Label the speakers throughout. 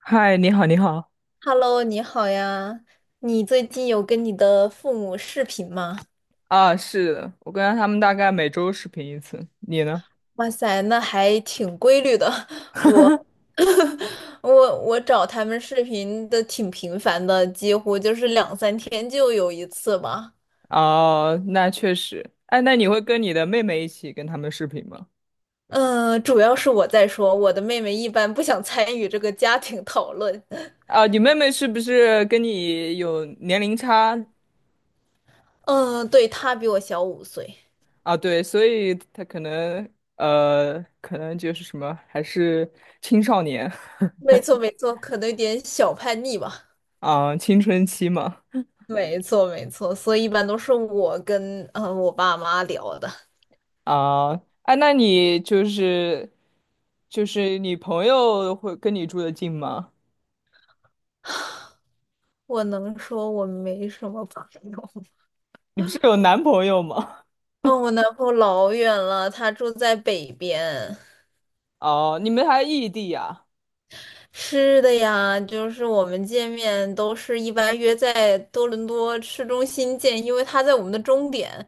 Speaker 1: 嗨，你好，你好。
Speaker 2: Hello，你好呀！你最近有跟你的父母视频吗？
Speaker 1: 啊，是的，我跟他们大概每周视频一次。你呢？
Speaker 2: 哇塞，那还挺规律的。我 我找他们视频的挺频繁的，几乎就是两三天就有一次吧。
Speaker 1: 哦，那确实。哎，那你会跟你的妹妹一起跟他们视频吗？
Speaker 2: 嗯，主要是我在说，我的妹妹一般不想参与这个家庭讨论。
Speaker 1: 啊，你妹妹是不是跟你有年龄差？
Speaker 2: 嗯，对，她比我小5岁。
Speaker 1: 啊，对，所以她可能就是什么，还是青少年
Speaker 2: 没错，没错，可能有点小叛逆吧。
Speaker 1: 啊，青春期嘛。
Speaker 2: 没错，没错，所以一般都是我跟我爸妈聊的。
Speaker 1: 啊，哎，那你就是你朋友会跟你住的近吗？
Speaker 2: 我能说我没什么朋友。
Speaker 1: 你不是有男朋友吗？
Speaker 2: 嗯，我男朋友老远了，他住在北边。
Speaker 1: 哦，你们还异地呀？
Speaker 2: 是的呀，就是我们见面都是一般约在多伦多市中心见，因为他在我们的终点，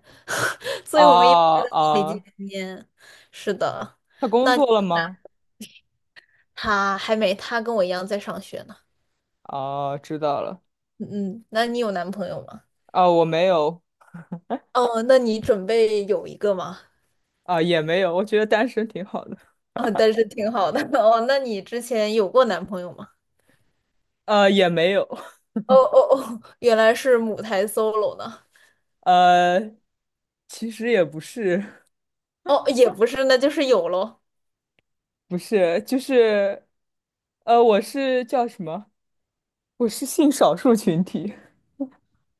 Speaker 2: 所
Speaker 1: 啊
Speaker 2: 以我们一般在
Speaker 1: 啊，
Speaker 2: 那里见
Speaker 1: 哦
Speaker 2: 面。是的，
Speaker 1: 他工作了吗？
Speaker 2: 他还没，他跟我一样在上学呢。
Speaker 1: 哦，知道了。
Speaker 2: 嗯嗯，那你有男朋友吗？
Speaker 1: 啊，我没有，
Speaker 2: 哦，那你准备有一个吗？
Speaker 1: 啊，也没有，我觉得单身挺好的。
Speaker 2: 啊、但是挺好的。哦，那你之前有过男朋友吗？
Speaker 1: 也没有，
Speaker 2: 哦哦哦，原来是母胎 solo 呢。
Speaker 1: 呃，其实也不是，
Speaker 2: 哦，也不是，那就是有喽。
Speaker 1: 不是，就是，我是叫什么？我是性少数群体。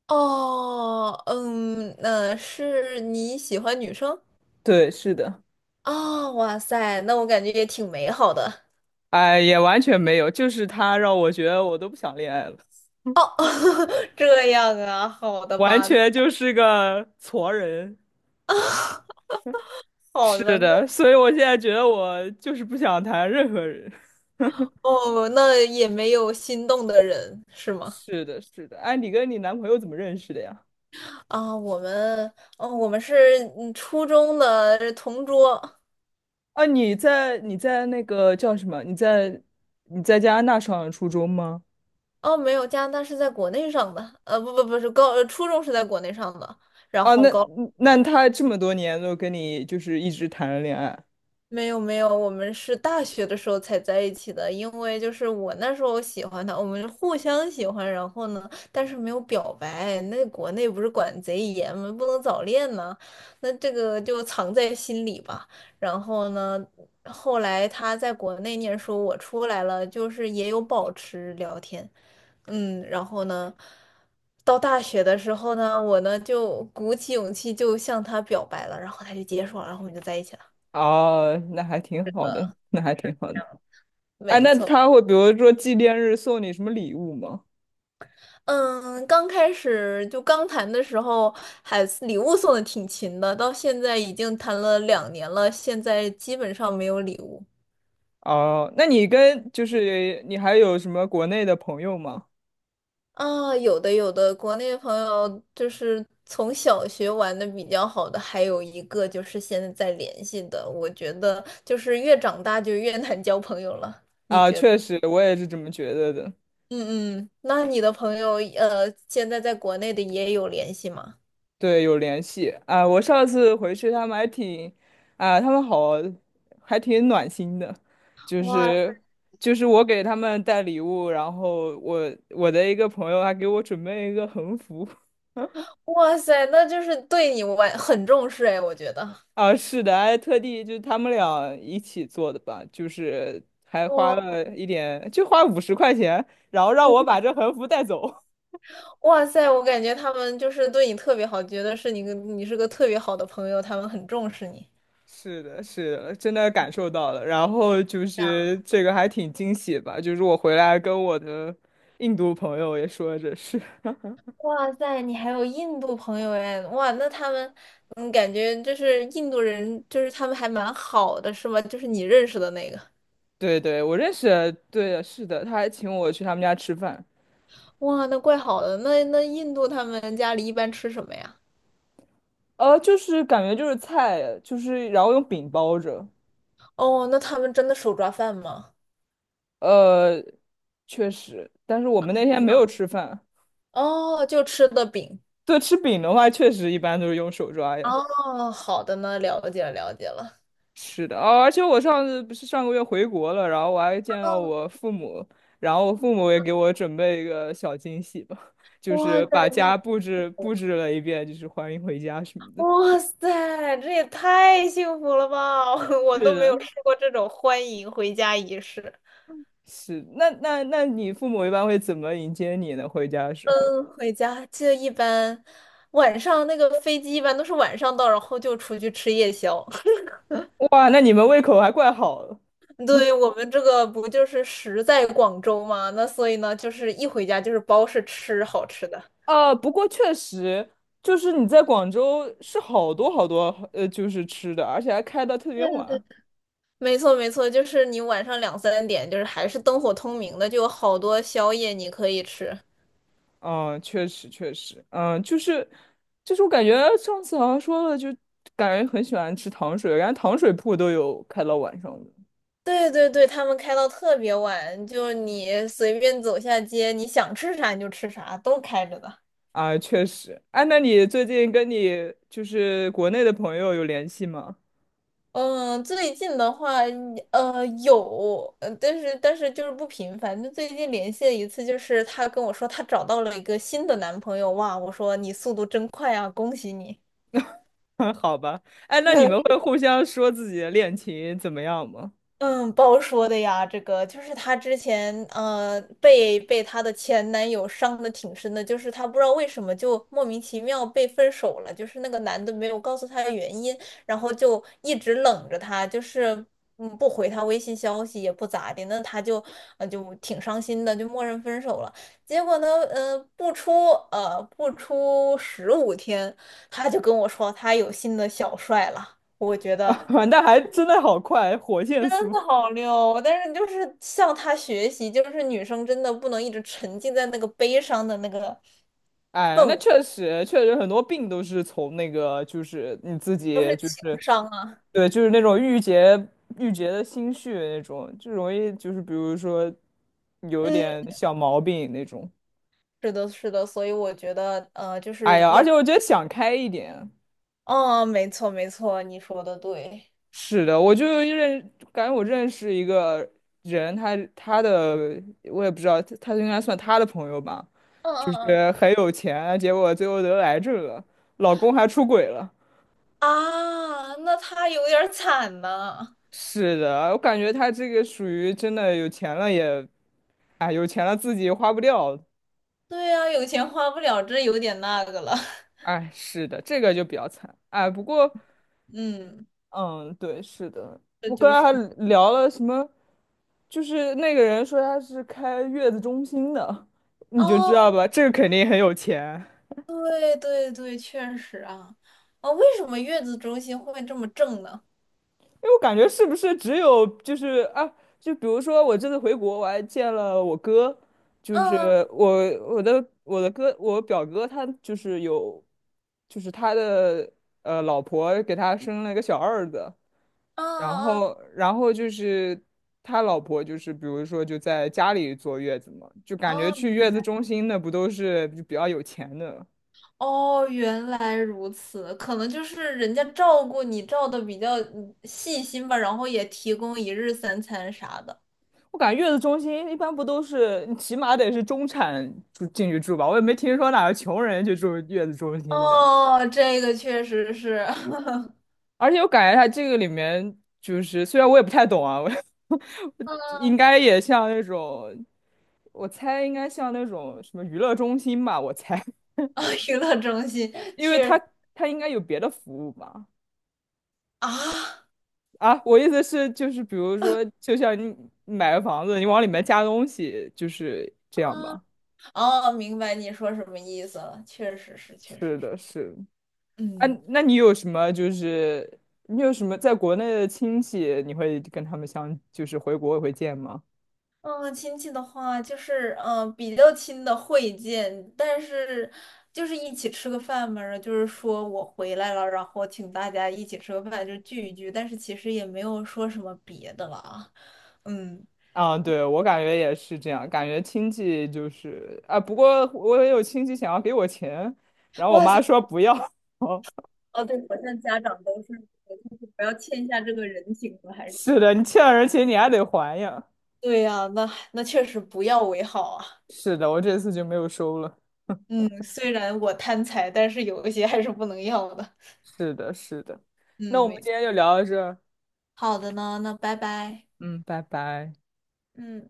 Speaker 2: 哦，嗯，那是你喜欢女生？
Speaker 1: 对，是的，
Speaker 2: 啊？哇塞，那我感觉也挺美好的。
Speaker 1: 哎，也完全没有，就是他让我觉得我都不想恋爱了，
Speaker 2: 哦，这样啊，好的
Speaker 1: 完
Speaker 2: 吧，那
Speaker 1: 全就是个矬人。
Speaker 2: 好的，
Speaker 1: 是
Speaker 2: 那
Speaker 1: 的，所以我现在觉得我就是不想谈任何人。
Speaker 2: 哦，那也没有心动的人是吗？
Speaker 1: 是的，是的。哎，你跟你男朋友怎么认识的呀？
Speaker 2: 啊，我们，哦，我们是初中的同桌。
Speaker 1: 啊，你在那个叫什么？你在加拿大上的初中吗？
Speaker 2: 哦，没有，加拿大是在国内上的，呃，不不不是高，呃初中是在国内上的，然
Speaker 1: 啊，
Speaker 2: 后
Speaker 1: 那
Speaker 2: 高。
Speaker 1: 那他这么多年都跟你就是一直谈着恋爱，
Speaker 2: 没有没有，我们是大学的时候才在一起的，因为就是我那时候喜欢他，我们互相喜欢，然后呢，但是没有表白。那国内不是管贼严吗？不能早恋呢，那这个就藏在心里吧。然后呢，后来他在国内念书，我出来了，就是也有保持聊天，嗯，然后呢，到大学的时候呢，我呢就鼓起勇气就向他表白了，然后他就接受了，然后我们就在一起了。
Speaker 1: 哦，那还挺好的，那还挺好的。哎，
Speaker 2: 没
Speaker 1: 那
Speaker 2: 错。
Speaker 1: 他会比如说纪念日送你什么礼物吗？
Speaker 2: 嗯，刚开始就刚谈的时候，还礼物送的挺勤的，到现在已经谈了2年了，现在基本上没有礼物
Speaker 1: 哦，那就是你还有什么国内的朋友吗？
Speaker 2: 啊。有的有的，国内朋友就是从小学玩的比较好的，还有一个就是现在在联系的，我觉得就是越长大就越难交朋友了。
Speaker 1: 啊，确实，我也是这么觉得的。
Speaker 2: 嗯嗯，那你的朋友现在在国内的也有联系吗？
Speaker 1: 对，有联系啊！我上次回去，他们还挺啊，他们好，还挺暖心的，就
Speaker 2: 哇塞，
Speaker 1: 是我给他们带礼物，然后我的一个朋友还给我准备一个横幅
Speaker 2: 哇塞，那就是对你玩很重视哎，我觉得。
Speaker 1: 啊，是的，还特地就是他们俩一起做的吧，就是还花
Speaker 2: 我。
Speaker 1: 了一点，就花50块钱，然后让我把 这横幅带走。
Speaker 2: 哇塞，我感觉他们就是对你特别好，觉得你是个特别好的朋友，他们很重视你。
Speaker 1: 是的，是的，真的感受到了。然后就
Speaker 2: 这
Speaker 1: 是
Speaker 2: 样
Speaker 1: 这个还挺惊喜吧，就是我回来跟我的印度朋友也说这事。
Speaker 2: 哇塞，你还有印度朋友哎，哇，那他们，嗯，感觉就是印度人，就是他们还蛮好的，是吗？就是你认识的那个，
Speaker 1: 对对，我认识的对的是的，他还请我去他们家吃饭。
Speaker 2: 哇，那怪好的。那印度他们家里一般吃什么呀？
Speaker 1: 就是感觉就是菜，就是然后用饼包着。
Speaker 2: 哦，那他们真的手抓饭吗？
Speaker 1: 呃，确实，但是我们那天没有吃饭。
Speaker 2: 哦，就吃的饼。
Speaker 1: 对，吃饼的话，确实一般都是用手抓呀。
Speaker 2: 哦，好的呢，了解了，了解了。
Speaker 1: 是的，哦，而且我上次不是上个月回国了，然后我还见到我父母，然后我父母也给我准备一个小惊喜吧，就
Speaker 2: 哇
Speaker 1: 是
Speaker 2: 塞，
Speaker 1: 把
Speaker 2: 你好。
Speaker 1: 家布置布置了一遍，就是欢迎回家什么的。
Speaker 2: 哇塞，这也太幸福了吧！我
Speaker 1: 是
Speaker 2: 都没有
Speaker 1: 的。
Speaker 2: 试过这种欢迎回家仪式。
Speaker 1: 是，那你父母一般会怎么迎接你呢？回家的时候？
Speaker 2: 嗯，回家就一般，晚上那个飞机一般都是晚上到，然后就出去吃夜宵。
Speaker 1: 哇，那你们胃口还怪好了。
Speaker 2: 对，我们这个不就是食在广州嘛，那所以呢，就是一回家就是包是吃好吃的。
Speaker 1: 不过确实，就是你在广州是好多好多就是吃的，而且还开到特别
Speaker 2: 对啊，对
Speaker 1: 晚。
Speaker 2: 啊。没错，没错，就是你晚上两三点，就是还是灯火通明的，就有好多宵夜你可以吃。
Speaker 1: 嗯，确实确实，嗯，就是我感觉上次好像说了，就感觉很喜欢吃糖水，然后糖水铺都有开到晚上的
Speaker 2: 对对对，他们开到特别晚，就是你随便走下街，你想吃啥你就吃啥，都开着的。
Speaker 1: 啊，确实。哎，那你最近跟就是国内的朋友有联系吗？
Speaker 2: 嗯，最近的话，有，但是就是不频繁。就最近联系了一次，就是她跟我说她找到了一个新的男朋友，哇，我说你速度真快啊，恭喜你。
Speaker 1: 好吧，哎，那你们 会互相说自己的恋情怎么样吗？
Speaker 2: 嗯，包说的呀，这个就是她之前被她的前男友伤的挺深的，就是她不知道为什么就莫名其妙被分手了，就是那个男的没有告诉她原因，然后就一直冷着她，就是不回她微信消息也不咋的，那她就就挺伤心的，就默认分手了。结果呢，不出15天，她就跟我说她有新的小帅了，我觉 得。
Speaker 1: 啊，那还真的好快，火线速。
Speaker 2: 那好溜哦，但是就是向他学习，就是女生真的不能一直沉浸在那个悲伤的那个
Speaker 1: 哎，
Speaker 2: 氛
Speaker 1: 那
Speaker 2: 围，
Speaker 1: 确实很多病都是从那个，就是你自
Speaker 2: 都是
Speaker 1: 己，就是
Speaker 2: 情商啊。
Speaker 1: 对，就是那种郁结的心绪那种，就容易就是比如说有一
Speaker 2: 嗯，
Speaker 1: 点小毛病那种。
Speaker 2: 是的，是的，所以我觉得，就
Speaker 1: 哎
Speaker 2: 是
Speaker 1: 呀，而
Speaker 2: 要，
Speaker 1: 且我觉得想开一点。
Speaker 2: 嗯，没错，没错，你说的对。
Speaker 1: 是的，我就认，感觉我认识一个人，他的我也不知道，他应该算他的朋友吧，
Speaker 2: 嗯嗯
Speaker 1: 就
Speaker 2: 嗯，
Speaker 1: 是很有钱，结果最后得癌症了，老公还出轨了。
Speaker 2: 啊，那他有点儿惨呐。
Speaker 1: 是的，我感觉他这个属于真的有钱了也，哎，有钱了自己花不掉，
Speaker 2: 对呀，有钱花不了，这有点那个了。
Speaker 1: 哎，是的，这个就比较惨。哎，不过，
Speaker 2: 嗯，
Speaker 1: 嗯，对，是的，
Speaker 2: 这
Speaker 1: 我刚
Speaker 2: 就是。
Speaker 1: 才还聊了什么，就是那个人说他是开月子中心的，你就知
Speaker 2: 哦，
Speaker 1: 道吧，这个肯定很有钱。
Speaker 2: 对对对，确实啊。哦，为什么月子中心会这么正呢？
Speaker 1: 因为我感觉是不是只有就是啊，就比如说我这次回国，我还见了我哥，就是
Speaker 2: 嗯。
Speaker 1: 我我的哥，我表哥他就是有，就是他的老婆给他生了一个小儿子。然
Speaker 2: 嗯嗯
Speaker 1: 后，然后就是他老婆，就是比如说就在家里坐月子嘛，就感觉
Speaker 2: 哦，
Speaker 1: 去
Speaker 2: 明
Speaker 1: 月子
Speaker 2: 白。
Speaker 1: 中心的不都是就比较有钱的？
Speaker 2: 哦，原来如此，可能就是人家照顾你照的比较细心吧，然后也提供一日三餐啥的。
Speaker 1: 我感觉月子中心一般不都是你起码得是中产住进去住吧？我也没听说哪个穷人去住月子中心的。
Speaker 2: 哦，这个确实是，
Speaker 1: 而且我感觉他这个里面就是，虽然我也不太懂啊，我 应该也像那种，我猜应该像那种什么娱乐中心吧，我猜，
Speaker 2: 啊，娱乐中心
Speaker 1: 因为
Speaker 2: 确
Speaker 1: 他
Speaker 2: 实
Speaker 1: 他应该有别的服务吧。
Speaker 2: 啊
Speaker 1: 啊，我意思是，就是比如说，就像你买个房子，你往里面加东西，就是这样
Speaker 2: 啊，
Speaker 1: 吧。
Speaker 2: 哦，明白你说什么意思了，确实是，确实
Speaker 1: 是
Speaker 2: 是，
Speaker 1: 的，是。啊，
Speaker 2: 嗯。
Speaker 1: 那你有什么在国内的亲戚，你会跟他们相，就是回国会见吗？
Speaker 2: 嗯，亲戚的话就是，嗯，比较亲的会见，但是就是一起吃个饭嘛，然后就是说我回来了，然后请大家一起吃个饭，就聚一聚，但是其实也没有说什么别的了啊。嗯，
Speaker 1: 啊，对，我感觉也是这样，感觉亲戚就是啊，不过我也有亲戚想要给我钱，然后我
Speaker 2: 哇
Speaker 1: 妈
Speaker 2: 塞，
Speaker 1: 说不要。
Speaker 2: 哦，对，好像家长都是，就是不要欠下这个人情了，还是。
Speaker 1: 是的，你欠了人钱，你还得还呀。
Speaker 2: 对呀，那那确实不要为好啊。
Speaker 1: 是的，我这次就没有收了。
Speaker 2: 嗯，虽然我贪财，但是有一些还是不能要的。
Speaker 1: 是的，是的。那
Speaker 2: 嗯，
Speaker 1: 我们
Speaker 2: 没
Speaker 1: 今
Speaker 2: 错。
Speaker 1: 天就聊到这儿。
Speaker 2: 好的呢，那拜拜。
Speaker 1: 嗯，拜拜。
Speaker 2: 嗯。